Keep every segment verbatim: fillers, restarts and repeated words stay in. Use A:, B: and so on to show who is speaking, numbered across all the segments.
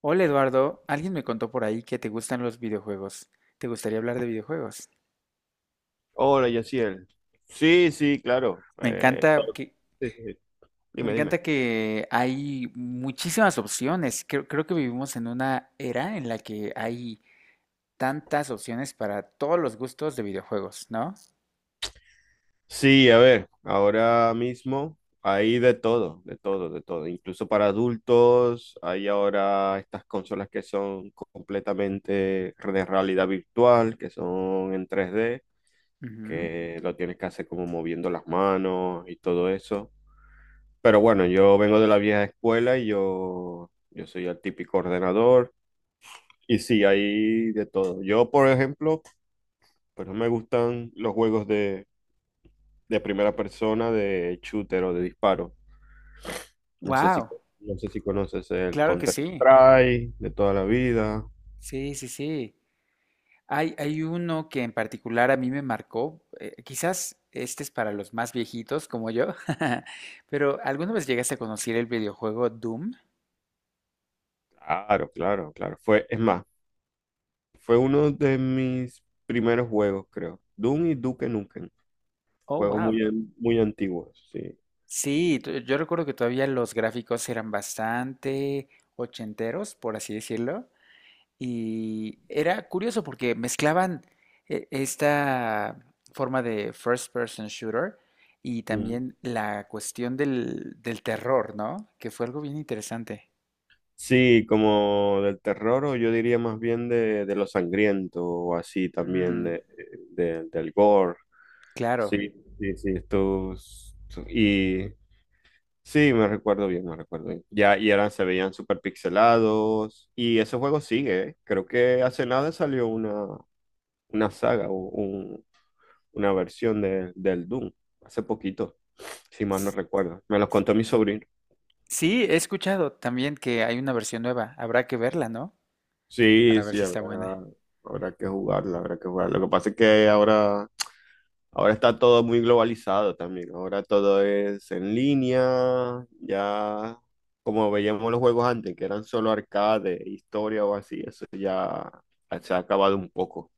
A: Hola Eduardo, alguien me contó por ahí que te gustan los videojuegos. ¿Te gustaría hablar de videojuegos?
B: Hola, Yaciel. Sí, sí, claro.
A: Me
B: Eh,
A: encanta que,
B: sí, sí, sí.
A: me
B: Dime, dime.
A: encanta que hay muchísimas opciones. Creo, creo que vivimos en una era en la que hay tantas opciones para todos los gustos de videojuegos, ¿no?
B: Sí, a ver, ahora mismo hay de todo, de todo, de todo. Incluso para adultos hay ahora estas consolas que son completamente de realidad virtual, que son en tres d, que lo tienes que hacer como moviendo las manos y todo eso. Pero bueno, yo vengo de la vieja escuela y yo, yo soy el típico ordenador. Y sí, hay de todo. Yo, por ejemplo. Pero me gustan los juegos de, de, primera persona, de shooter o de disparo. No sé si,
A: Wow,
B: no sé si conoces el
A: claro que sí.
B: Counter-Strike de toda la vida.
A: Sí, sí, sí. Hay, hay uno que en particular a mí me marcó. Eh, quizás este es para los más viejitos como yo, pero ¿alguna vez llegaste a conocer el videojuego Doom?
B: Claro, claro, claro. Fue, es más, fue uno de mis primeros juegos, creo. Doom y Duke Nukem.
A: Oh,
B: Juegos
A: wow.
B: muy, an- muy antiguos, sí.
A: Sí, t- yo recuerdo que todavía los gráficos eran bastante ochenteros, por así decirlo, y era curioso porque mezclaban eh, esta forma de first person shooter y
B: Mm.
A: también la cuestión del, del terror, ¿no? Que fue algo bien interesante.
B: Sí, como del terror, o yo diría más bien de, de lo sangriento, o así también,
A: Mm,
B: de, de- del gore.
A: claro.
B: Sí, sí, sí, estos. Y Sí, me recuerdo bien, me recuerdo bien. Ya, y eran, se veían súper pixelados. Y ese juego sigue, ¿eh? Creo que hace nada salió una, una saga o un- una versión de- del Doom, hace poquito, si mal no recuerdo. Me los contó mi sobrino.
A: Sí, he escuchado también que hay una versión nueva. Habrá que verla, ¿no?
B: Sí,
A: Para ver
B: sí,
A: si está buena.
B: habrá, habrá que jugarla, habrá que jugarla. Lo que pasa es que ahora. Ahora está todo muy globalizado también. Ahora todo es en línea. Ya, como veíamos los juegos antes, que eran solo arcade, historia o así, eso ya se ha acabado un poco.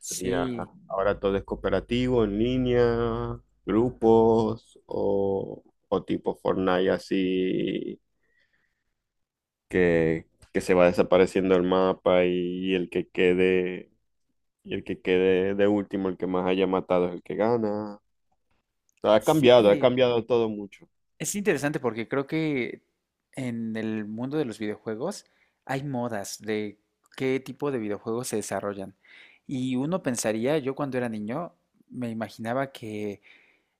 B: Eso ya, ahora todo es cooperativo, en línea, grupos o, o tipo Fortnite, así que, que se va desapareciendo el mapa y el que quede, y el que quede de último, el que más haya matado es el que gana. Ha cambiado, ha
A: sí.
B: cambiado todo mucho.
A: Es interesante porque creo que en el mundo de los videojuegos hay modas de qué tipo de videojuegos se desarrollan. Y uno pensaría, yo cuando era niño, me imaginaba que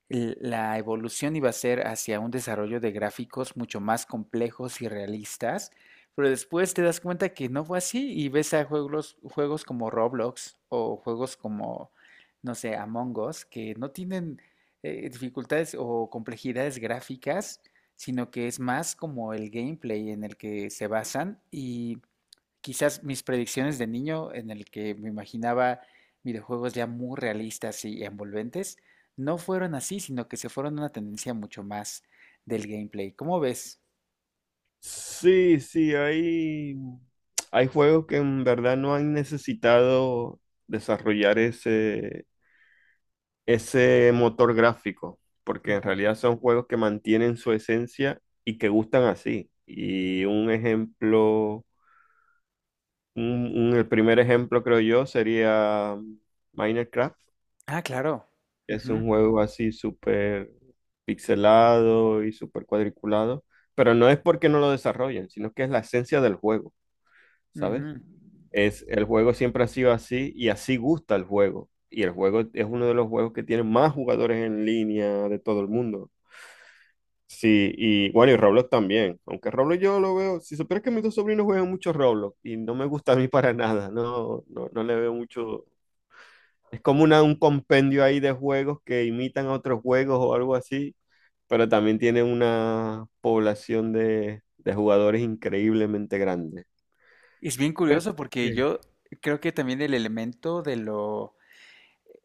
A: l- La evolución iba a ser hacia un desarrollo de gráficos mucho más complejos y realistas, pero después te das cuenta que no fue así y ves a juegos, juegos como Roblox o juegos como, no sé, Among Us, que no tienen eh, dificultades o complejidades gráficas, sino que es más como el gameplay en el que se basan y quizás mis predicciones de niño, en el que me imaginaba videojuegos ya muy realistas y envolventes, no fueron así, sino que se fueron a una tendencia mucho más del gameplay. ¿Cómo ves?
B: Sí, sí, hay, hay juegos que en verdad no han necesitado desarrollar ese, ese motor gráfico, porque en
A: Ujú.
B: realidad son juegos que mantienen su esencia y que gustan así. Y un ejemplo, un- un- el primer ejemplo creo yo sería Minecraft.
A: Ah, claro.
B: Es
A: Ujú,
B: un juego así súper pixelado y súper cuadriculado, pero no es porque no lo desarrollen, sino que es la esencia del juego, ¿sabes?
A: ujú.
B: Es, el juego siempre ha sido así y así gusta el juego. Y el juego es uno de los juegos que tiene más jugadores en línea de todo el mundo. Sí, y bueno, y Roblox también. Aunque Roblox yo lo veo, si supieras que mis dos sobrinos juegan mucho Roblox y no me gusta a mí para nada, no, no, no le veo mucho, es como una, un compendio ahí de juegos que imitan a otros juegos o algo así, pero también tiene una población de, de jugadores increíblemente grande.
A: Es bien
B: Pues,
A: curioso porque
B: sí.
A: yo creo que también el elemento de lo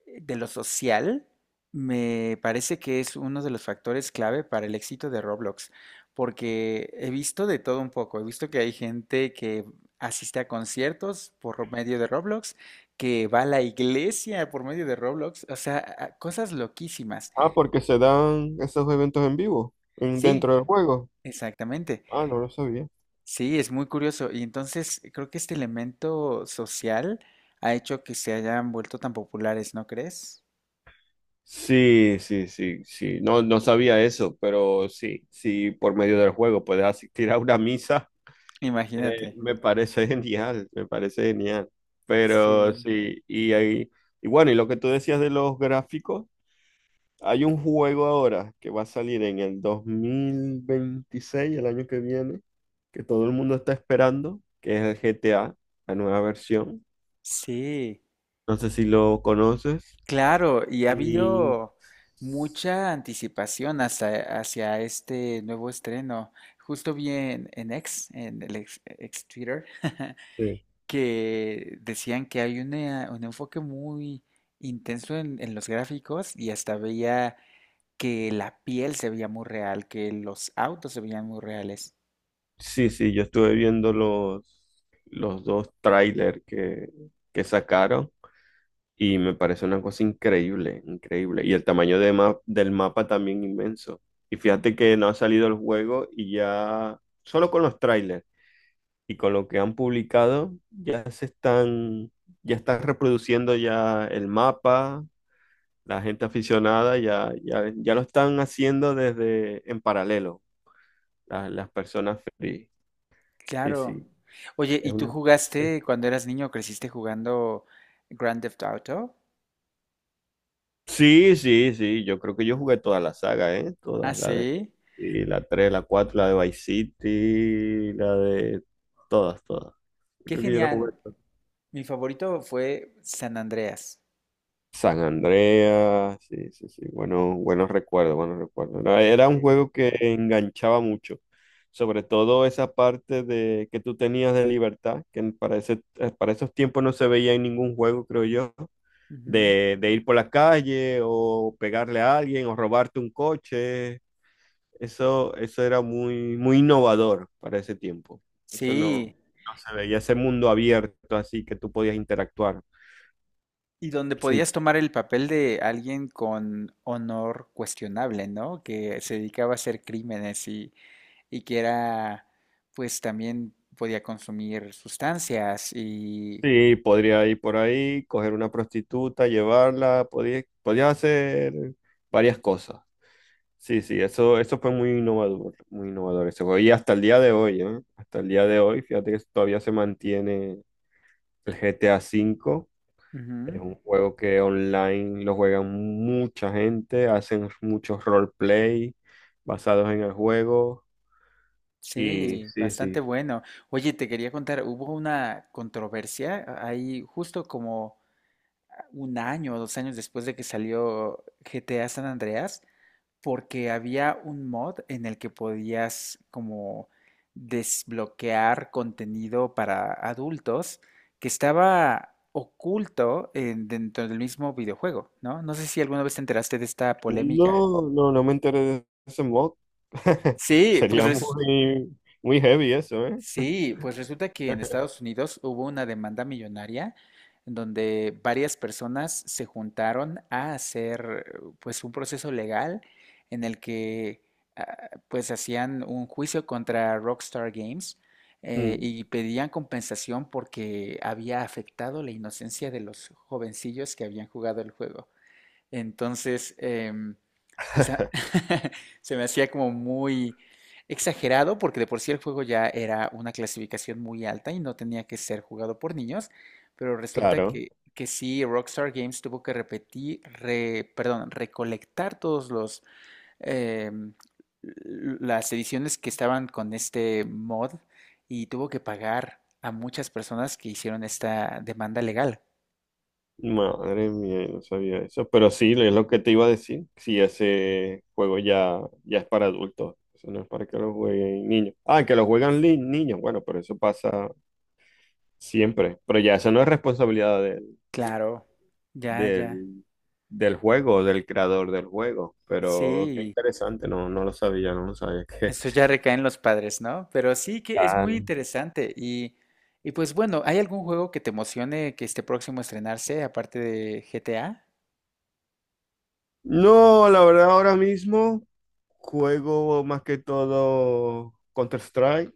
A: eh, de lo social, me parece que es uno de los factores clave para el éxito de Roblox, porque he visto de todo un poco, he visto que hay gente que asiste a conciertos por medio de Roblox, que va a la iglesia por medio de Roblox, o sea, a- cosas loquísimas.
B: Ah, porque se dan esos eventos en vivo, en-
A: Sí,
B: dentro del juego.
A: exactamente.
B: Ah, no lo sabía.
A: Sí, es muy curioso. Y entonces creo que este elemento social ha hecho que se hayan vuelto tan populares, ¿no crees?
B: Sí, sí, sí, sí. No, no sabía eso, pero sí, sí, por medio del juego puedes asistir a una misa. Eh,
A: Imagínate.
B: me parece genial, me parece genial. Pero
A: Sí.
B: sí, y ahí, y bueno, y lo que tú decías de los gráficos, hay un juego ahora que va a salir en el dos mil veintiséis, el año que viene, que todo el mundo está esperando, que es el G T A, la nueva versión.
A: Sí.
B: No sé si lo conoces.
A: Claro, y ha
B: Y
A: habido mucha anticipación hasta, hacia este nuevo estreno. Justo vi en, en X, en el ex, ex Twitter,
B: sí,
A: que decían que hay una- un enfoque muy intenso en, en los gráficos y hasta veía que la piel se veía muy real, que los autos se veían muy reales.
B: sí, sí, yo estuve viendo los, los dos trailers que, que sacaron. Y me parece una cosa increíble, increíble. Y el tamaño de ma- del mapa también inmenso. Y fíjate que no ha salido el juego y ya, solo con los trailers y con lo que han publicado, ya se están, ya están reproduciendo ya el mapa, la gente aficionada ya, ya, ya lo están haciendo desde en paralelo, la- las personas free. Sí,
A: Claro.
B: sí,
A: Oye,
B: es
A: ¿y tú
B: una. Sí.
A: jugaste cuando eras niño, creciste jugando Grand Theft Auto?
B: Sí, sí, sí, yo creo que yo jugué toda la saga, ¿eh?
A: Ah,
B: Todas, la de,
A: sí.
B: sí, la tres, la cuatro, la de Vice City, la de todas, todas. Yo
A: Qué
B: creo que yo la
A: genial.
B: jugué todas.
A: Mi favorito fue San Andreas.
B: San Andreas, sí, sí, sí, bueno, buenos recuerdos, buenos recuerdos. No, era un
A: Sí.
B: juego que enganchaba mucho, sobre todo esa parte de que tú tenías de libertad, que para ese- eh, para esos tiempos no se veía en ningún juego, creo yo,
A: Ujú.
B: de, de, ir por la calle o pegarle a alguien o robarte un coche. Eso, eso era muy, muy innovador para ese tiempo. Eso no,
A: Sí,
B: no se veía ese mundo abierto así que tú podías interactuar.
A: y donde
B: Sí,
A: podías tomar el papel de alguien con honor cuestionable, ¿no? Que se dedicaba a hacer crímenes y, y que era, pues también podía consumir sustancias y...
B: sí, podría ir por ahí, coger una prostituta, llevarla, podías, podías hacer varias cosas. Sí, sí, eso, eso fue muy innovador, muy innovador ese juego. Y hasta el día de hoy, ¿eh? Hasta el día de hoy, fíjate que todavía se mantiene el G T A cinco. Es
A: Ujú.
B: un juego que online lo juegan mucha gente, hacen muchos roleplay basados en el juego. Y
A: Sí,
B: sí,
A: bastante bueno. Oye, te quería contar, hubo una controversia ahí justo como un año o dos años después de que salió G T A San Andreas, porque había un mod en el que podías como desbloquear contenido para adultos que estaba oculto en- dentro del mismo videojuego, ¿no? No sé si alguna vez te enteraste de esta polémica.
B: no, no, no me enteré de ese mod.
A: Sí, pues
B: Sería
A: res-
B: muy, muy heavy eso, ¿eh?
A: sí, pues resulta que en Estados Unidos hubo una demanda millonaria en donde varias personas se juntaron a hacer pues un proceso legal en el que ah, pues hacían un juicio contra Rockstar Games, eh,
B: Mm.
A: y pedían compensación porque había afectado la inocencia de los jovencillos que habían jugado el juego. Entonces, em, pues a- se me hacía como muy exagerado porque de por sí el juego ya era una clasificación muy alta y no tenía que ser jugado por niños, pero resulta
B: Claro,
A: que, que sí, Rockstar Games tuvo que repetir, re- perdón, recolectar todos los em, l- las ediciones que estaban con este mod y tuvo que pagar a muchas personas que hicieron esta demanda legal.
B: madre mía, yo no sabía eso, pero sí, es lo que te iba a decir, si ese juego ya, ya es para adultos, eso no es para que lo jueguen niños. Ah, que lo juegan li- niños, bueno, pero eso pasa siempre, pero ya eso no es responsabilidad del,
A: Claro, ya, ya.
B: del, del juego, del creador del juego. Pero qué
A: Sí,
B: interesante, no, no lo sabía, no lo sabía que,
A: eso ya
B: que-
A: recae en los padres, ¿no? Pero sí que es
B: Ah.
A: muy interesante. Y, y pues bueno, ¿hay algún juego que te emocione que esté próximo a estrenarse, aparte de G T A?
B: No, la verdad ahora mismo juego más que todo Counter-Strike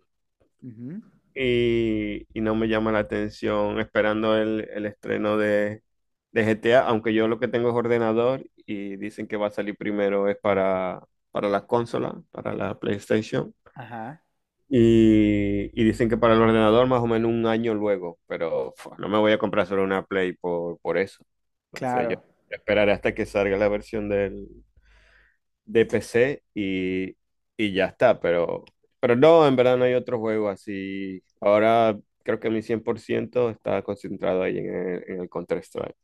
A: Ujú.
B: y, y no me llama la atención esperando el, el estreno de, de G T A, aunque yo lo que tengo es ordenador y dicen que va a salir primero es para, para las consolas, para la PlayStation.
A: Ajá,
B: Y, y dicen que para el ordenador más o menos un año luego, pero fua, no me voy a comprar solo una Play por, por eso. Entonces yo
A: claro.
B: esperaré hasta que salga la versión del, de P C y, y ya está, pero, pero no, en verdad no hay otro juego así. Ahora creo que mi cien por ciento está concentrado ahí en el, en el Counter-Strike.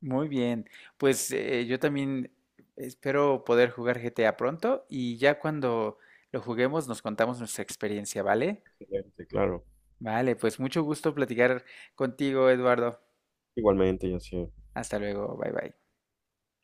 A: Muy bien. Pues eh, yo también espero poder jugar G T A pronto y ya cuando lo juguemos nos contamos nuestra experiencia, ¿vale?
B: Sí, claro,
A: Vale, pues mucho gusto platicar contigo, Eduardo.
B: igualmente yo sí.
A: Hasta luego, bye bye.